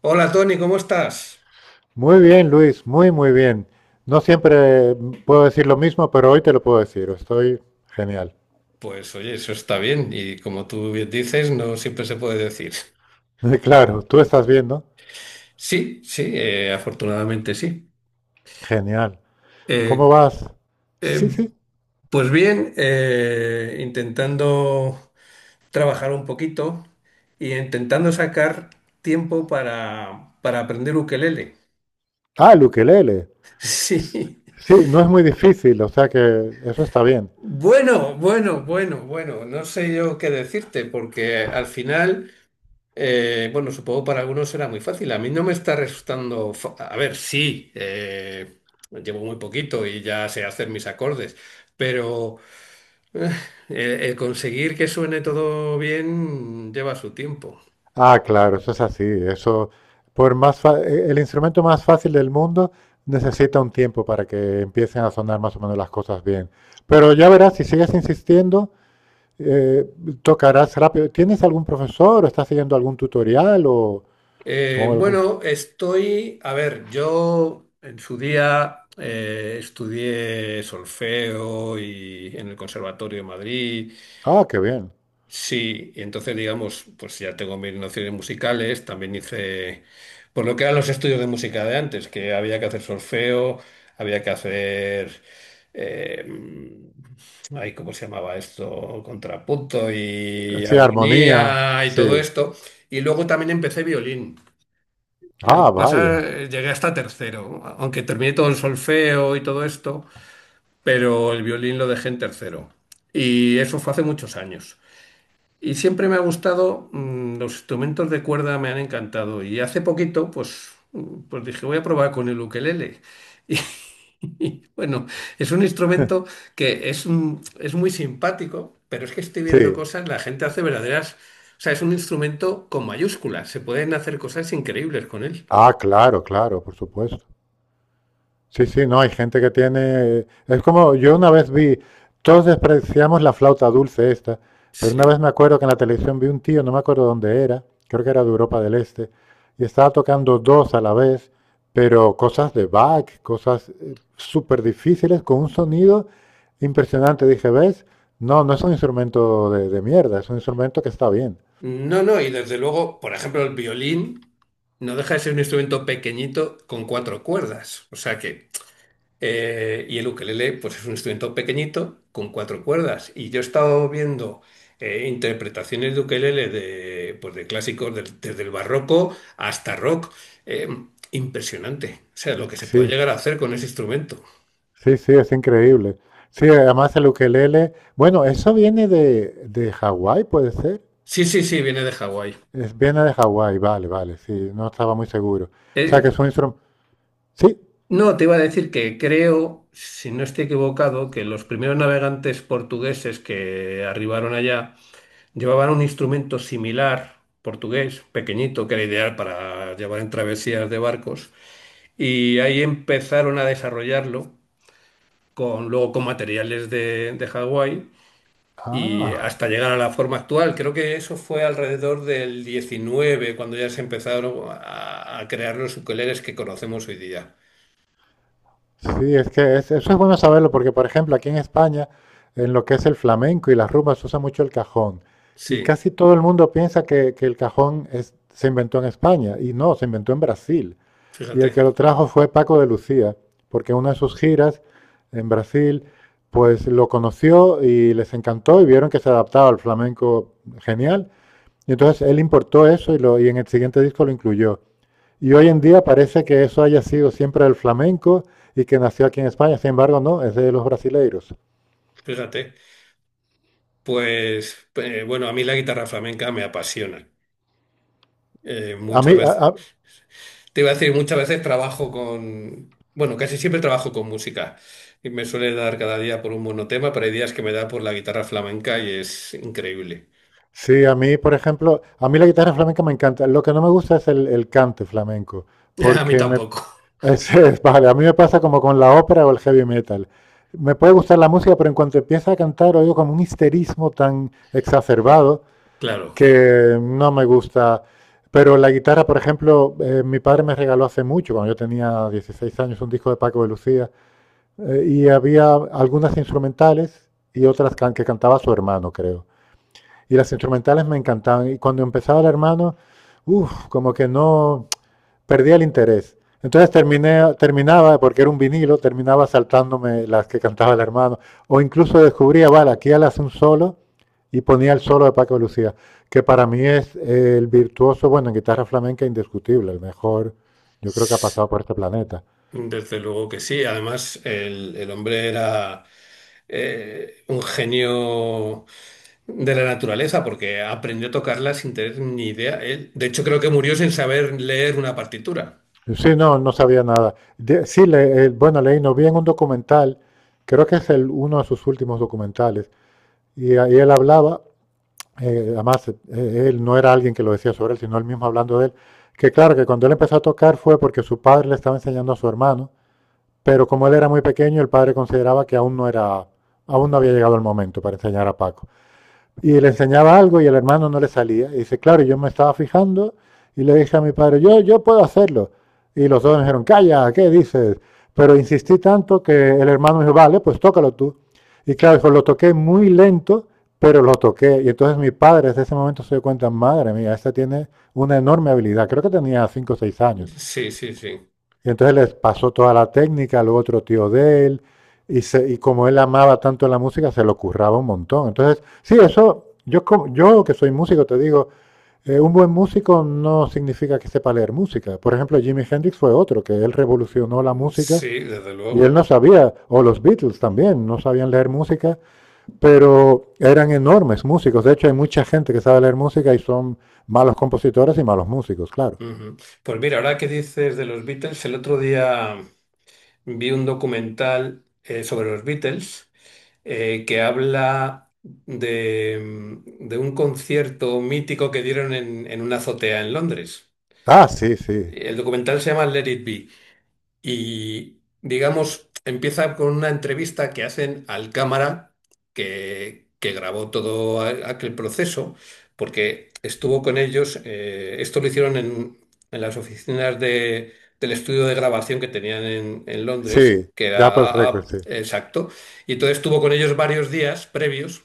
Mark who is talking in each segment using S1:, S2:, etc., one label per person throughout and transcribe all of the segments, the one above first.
S1: Hola Tony, ¿cómo estás?
S2: Muy bien, Luis, muy, muy bien. No siempre puedo decir lo mismo, pero hoy te lo puedo decir. Estoy genial.
S1: Pues oye, eso está bien y como tú bien dices, no siempre se puede decir.
S2: Claro, tú estás bien, ¿no?
S1: Sí, sí, afortunadamente sí.
S2: Genial. ¿Cómo
S1: Eh,
S2: vas? Sí,
S1: eh,
S2: sí.
S1: pues bien, intentando trabajar un poquito y intentando sacar tiempo para aprender ukelele.
S2: Ah, el ukelele.
S1: Sí.
S2: Sí, no es muy difícil, o sea que eso está bien.
S1: Bueno, bueno, bueno, bueno, no sé yo qué decirte porque al final... Bueno, supongo para algunos será muy fácil. A mí no me está resultando... A ver, sí, llevo muy poquito y ya sé hacer mis acordes, pero eh, el conseguir que suene todo bien lleva su tiempo.
S2: Ah, claro, eso es así. Eso, por más fa- e- el instrumento más fácil del mundo necesita un tiempo para que empiecen a sonar más o menos las cosas bien. Pero ya verás, si sigues insistiendo, eh, tocarás rápido. ¿Tienes algún profesor o estás siguiendo algún tutorial o, o algún?
S1: Bueno, estoy... A ver, yo en su día estudié solfeo y en el Conservatorio de Madrid.
S2: Ah, qué bien.
S1: Sí, y entonces digamos, pues ya tengo mis nociones musicales, también hice, por lo que eran los estudios de música de antes, que había que hacer solfeo, había que hacer, eh, ay, ¿cómo se llamaba esto? Contrapunto y
S2: Sí, armonía.
S1: armonía y todo
S2: Sí.
S1: esto. Y luego también empecé violín. Y lo que
S2: Ah,
S1: pasa,
S2: vaya.
S1: llegué hasta tercero, aunque terminé todo el solfeo y todo esto, pero el violín lo dejé en tercero. Y eso fue hace muchos años. Y siempre me ha gustado, mm, los instrumentos de cuerda me han encantado. Y hace poquito, pues, mm, pues dije, voy a probar con el ukelele. Y bueno, es un instrumento que es, es muy simpático, pero es que estoy
S2: Sí.
S1: viendo cosas, la gente hace verdaderas. O sea, es un instrumento con mayúsculas, se pueden hacer cosas increíbles con él.
S2: Ah, claro, claro, por supuesto. Sí, sí, no, hay gente que tiene... Es como, yo una vez vi, todos despreciamos la flauta dulce esta, pero una
S1: Sí.
S2: vez me acuerdo que en la televisión vi un tío, no me acuerdo dónde era, creo que era de Europa del Este, y estaba tocando dos a la vez, pero cosas de Bach, cosas, súper difíciles, con un sonido impresionante. Dije, ¿ves? No, no es un instrumento de, mierda, es un instrumento que está bien.
S1: No, no, y desde luego, por ejemplo, el violín no deja de ser un instrumento pequeñito con cuatro cuerdas. O sea que y el ukelele, pues es un instrumento pequeñito con cuatro cuerdas. Y yo he estado viendo interpretaciones de ukelele de, pues de clásicos desde el barroco hasta rock. Eh, impresionante. O sea, lo que se puede
S2: Sí,
S1: llegar a hacer con ese instrumento.
S2: sí, sí, es increíble. Sí, además el ukelele, bueno, eso viene de Hawái, puede ser.
S1: Sí, sí, sí, viene de Hawái.
S2: Viene de Hawái, vale, vale, sí, no estaba muy seguro. O sea
S1: Eh,
S2: que es un instrumento. Sí,
S1: no, te iba a decir que creo, si no estoy equivocado, que los primeros navegantes portugueses que arribaron allá llevaban un instrumento similar, portugués, pequeñito, que era ideal para llevar en travesías de barcos. Y ahí empezaron a desarrollarlo con, luego con materiales de Hawái y
S2: ah,
S1: hasta llegar a la forma actual. Creo que eso fue alrededor del 19, cuando ya se empezaron a crear los ukuleles que conocemos hoy día.
S2: sí, eso es bueno saberlo porque, por ejemplo, aquí en España, en lo que es el flamenco y las rumbas, se usa mucho el cajón. Y
S1: Sí,
S2: casi todo el mundo piensa que se inventó en España, y no, se inventó en Brasil. Y el
S1: fíjate,
S2: que lo trajo fue Paco de Lucía, porque en una de sus giras en Brasil, pues lo conoció y les encantó y vieron que se adaptaba al flamenco genial. Y entonces él importó eso y en el siguiente disco lo incluyó. Y hoy en día parece que eso haya sido siempre el flamenco y que nació aquí en España. Sin embargo, no, es de los brasileiros.
S1: fíjate. Pues bueno, a mí la guitarra flamenca me apasiona.
S2: A
S1: Muchas
S2: mí,
S1: veces.
S2: a,
S1: Te iba a decir, muchas veces trabajo con, bueno, casi siempre trabajo con música y me suele dar cada día por un monotema, pero hay días que me da por la guitarra flamenca y es increíble.
S2: sí, a mí, por ejemplo, a mí la guitarra flamenca me encanta. Lo que no me gusta es el cante flamenco,
S1: A mí
S2: porque me,
S1: tampoco,
S2: es, vale, a mí me pasa como con la ópera o el heavy metal. Me puede gustar la música, pero en cuanto empieza a cantar oigo como un histerismo tan exacerbado
S1: claro.
S2: que no me gusta. Pero la guitarra, por ejemplo, mi padre me regaló hace mucho, cuando yo tenía 16 años, un disco de Paco de Lucía, y había algunas instrumentales y otras que cantaba su hermano, creo. Y las instrumentales me encantaban. Y cuando empezaba el hermano, uff, como que no perdía el interés. Entonces terminaba, porque era un vinilo, terminaba saltándome las que cantaba el hermano. O incluso descubría, vale, aquí él hace un solo y ponía el solo de Paco de Lucía, que para mí es el virtuoso, bueno, en guitarra flamenca indiscutible, el mejor, yo creo que ha
S1: S-
S2: pasado por este planeta.
S1: Desde luego que sí. Además, el hombre era un genio de la naturaleza porque aprendió a tocarla sin tener ni idea. Él, de hecho, creo que murió sin saber leer una partitura.
S2: Sí, no, no sabía nada. Sí, bueno, leí, no vi en un documental, creo que es uno de sus últimos documentales, y ahí él hablaba, además, él no era alguien que lo decía sobre él, sino él mismo hablando de él, que claro, que cuando él empezó a tocar fue porque su padre le estaba enseñando a su hermano, pero como él era muy pequeño, el padre consideraba que aún no era, aún no había llegado el momento para enseñar a Paco. Y le enseñaba algo y el hermano no le salía. Y dice, claro, yo me estaba fijando y le dije a mi padre, yo puedo hacerlo. Y los dos me dijeron, calla, ¿qué dices? Pero insistí tanto que el hermano me dijo, vale, pues tócalo tú. Y claro, dijo, lo toqué muy lento, pero lo toqué. Y entonces mi padre desde ese momento se dio cuenta, madre mía, esta tiene una enorme habilidad. Creo que tenía cinco o 6 años.
S1: Sí, sí, sí.
S2: Y entonces les pasó toda la técnica, luego otro tío de él, y como él amaba tanto la música, se lo curraba un montón. Entonces, sí, eso, yo que soy músico, te digo, un buen músico no significa que sepa leer música. Por ejemplo, Jimi Hendrix fue otro, que él revolucionó la música
S1: Sí, desde
S2: y él
S1: luego.
S2: no sabía, o los Beatles también, no sabían leer música, pero eran enormes músicos. De hecho, hay mucha gente que sabe leer música y son malos compositores y malos músicos, claro.
S1: Ujú. Pues mira, ahora que dices de los Beatles, el otro día vi un documental sobre los Beatles que habla de, mm, de un concierto mítico que dieron en una azotea en Londres.
S2: Ah, sí, sí,
S1: El documental se llama Let It Be y, digamos, empieza con una entrevista que hacen al cámara que grabó todo aquel proceso, porque estuvo con ellos, esto lo hicieron en las oficinas del estudio de grabación que tenían en Londres,
S2: sí,
S1: que
S2: de Apple
S1: era
S2: Records, sí.
S1: exacto, y entonces estuvo con ellos varios días previos.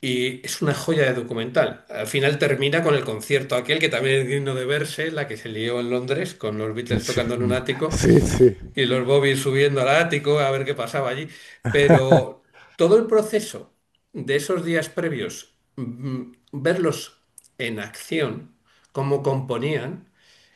S1: Y es una joya de documental. Al final termina con el concierto aquel que también es digno de verse, la que se lió en Londres con los Beatles
S2: Sí,
S1: tocando en un ático
S2: sí, sí.
S1: y los Bobby subiendo al ático a ver qué pasaba allí. Pero todo el proceso de esos días previos, mm, verlos en acción, cómo componían,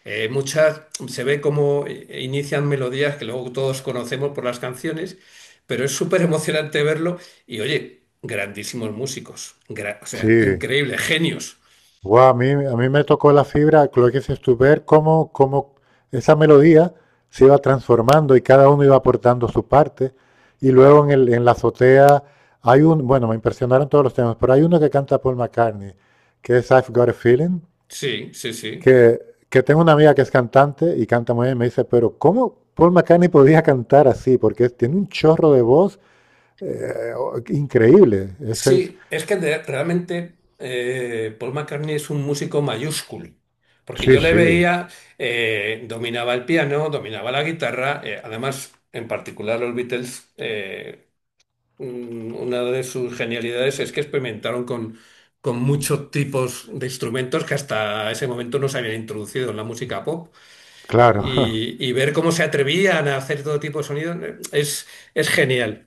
S1: muchas se ve cómo inician melodías que luego todos conocemos por las canciones, pero es súper emocionante verlo y oye, grandísimos músicos, o sea,
S2: Sí.
S1: increíbles genios.
S2: Guau, a mí me tocó la fibra, lo que dices tú, ver cómo esa melodía se iba transformando y cada uno iba aportando su parte. Y luego en la azotea bueno, me impresionaron todos los temas, pero hay uno que canta Paul McCartney, que es I've Got a Feeling,
S1: Sí, sí, sí.
S2: que, que tengo una amiga que es cantante y canta muy bien, me dice, pero ¿cómo Paul McCartney podía cantar así? Porque tiene un chorro de voz increíble.
S1: Sí, es que realmente Paul McCartney es un músico mayúsculo, porque
S2: Sí,
S1: yo le
S2: sí,
S1: veía, dominaba el piano, dominaba la guitarra, además, en particular los Beatles, una de sus genialidades es que experimentaron con muchos tipos de instrumentos que hasta ese momento no se habían introducido en la música pop,
S2: claro.
S1: y ver cómo se atrevían a hacer todo tipo de sonidos es genial.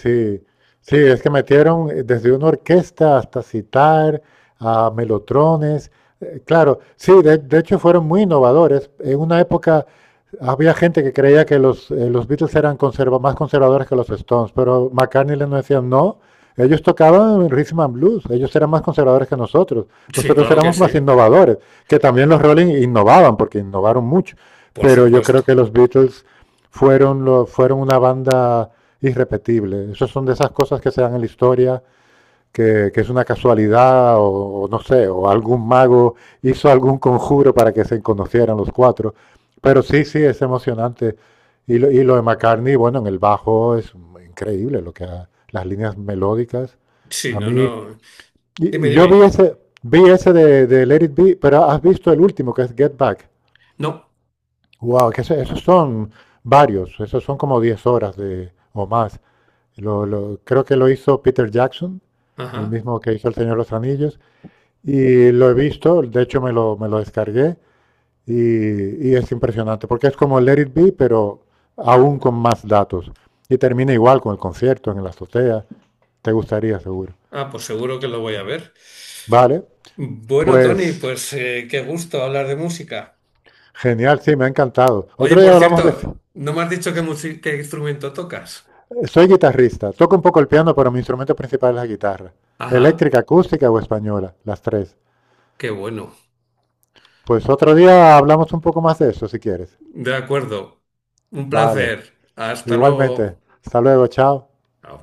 S2: Sí, sí, es que metieron desde una orquesta hasta citar a melotrones. Claro, sí, de, hecho fueron muy innovadores. En una época había gente que creía que los Beatles eran más conservadores que los Stones, pero McCartney les decía no. Ellos tocaban rhythm and blues, ellos eran más conservadores que nosotros.
S1: Sí,
S2: Nosotros
S1: claro que
S2: éramos
S1: sí,
S2: más innovadores, que también los Rolling innovaban, porque innovaron mucho.
S1: por
S2: Pero yo creo que
S1: supuesto.
S2: los Beatles fueron una banda irrepetible. Esas son de esas cosas que se dan en la historia, que es una casualidad no sé, o algún mago hizo algún conjuro para que se conocieran los cuatro. Pero sí, sí, es emocionante. Y lo de McCartney, bueno, en el bajo es increíble las líneas melódicas.
S1: Sí,
S2: A
S1: no,
S2: mí, y,
S1: no. Dime,
S2: y yo
S1: dime.
S2: vi ese de Let It Be, pero has visto el último que es Get Back.
S1: No.
S2: Wow, que eso, esos son varios, esos son como 10 horas o más. Creo que lo hizo Peter Jackson, el
S1: Ajá.
S2: mismo que hizo El Señor de los Anillos, y lo he visto, de hecho me lo descargué, y es impresionante, porque es como Let It Be, pero aún con más datos. Y termina igual con el concierto en la azotea. Te gustaría, seguro.
S1: Ah, pues seguro que lo voy a ver.
S2: Vale,
S1: Bueno, Tony,
S2: pues
S1: pues qué gusto hablar de música.
S2: genial, sí, me ha encantado.
S1: Oye,
S2: Otro
S1: por
S2: día hablamos de.
S1: cierto, no me has dicho qué, qué instrumento tocas.
S2: Soy guitarrista, toco un poco el piano, pero mi instrumento principal es la guitarra.
S1: Ajá,
S2: Eléctrica, acústica o española, las tres.
S1: qué bueno.
S2: Pues otro día hablamos un poco más de eso, si quieres.
S1: De acuerdo. Un
S2: Vale.
S1: placer. Hasta
S2: Igualmente.
S1: luego.
S2: Hasta luego. Chao.
S1: Chao.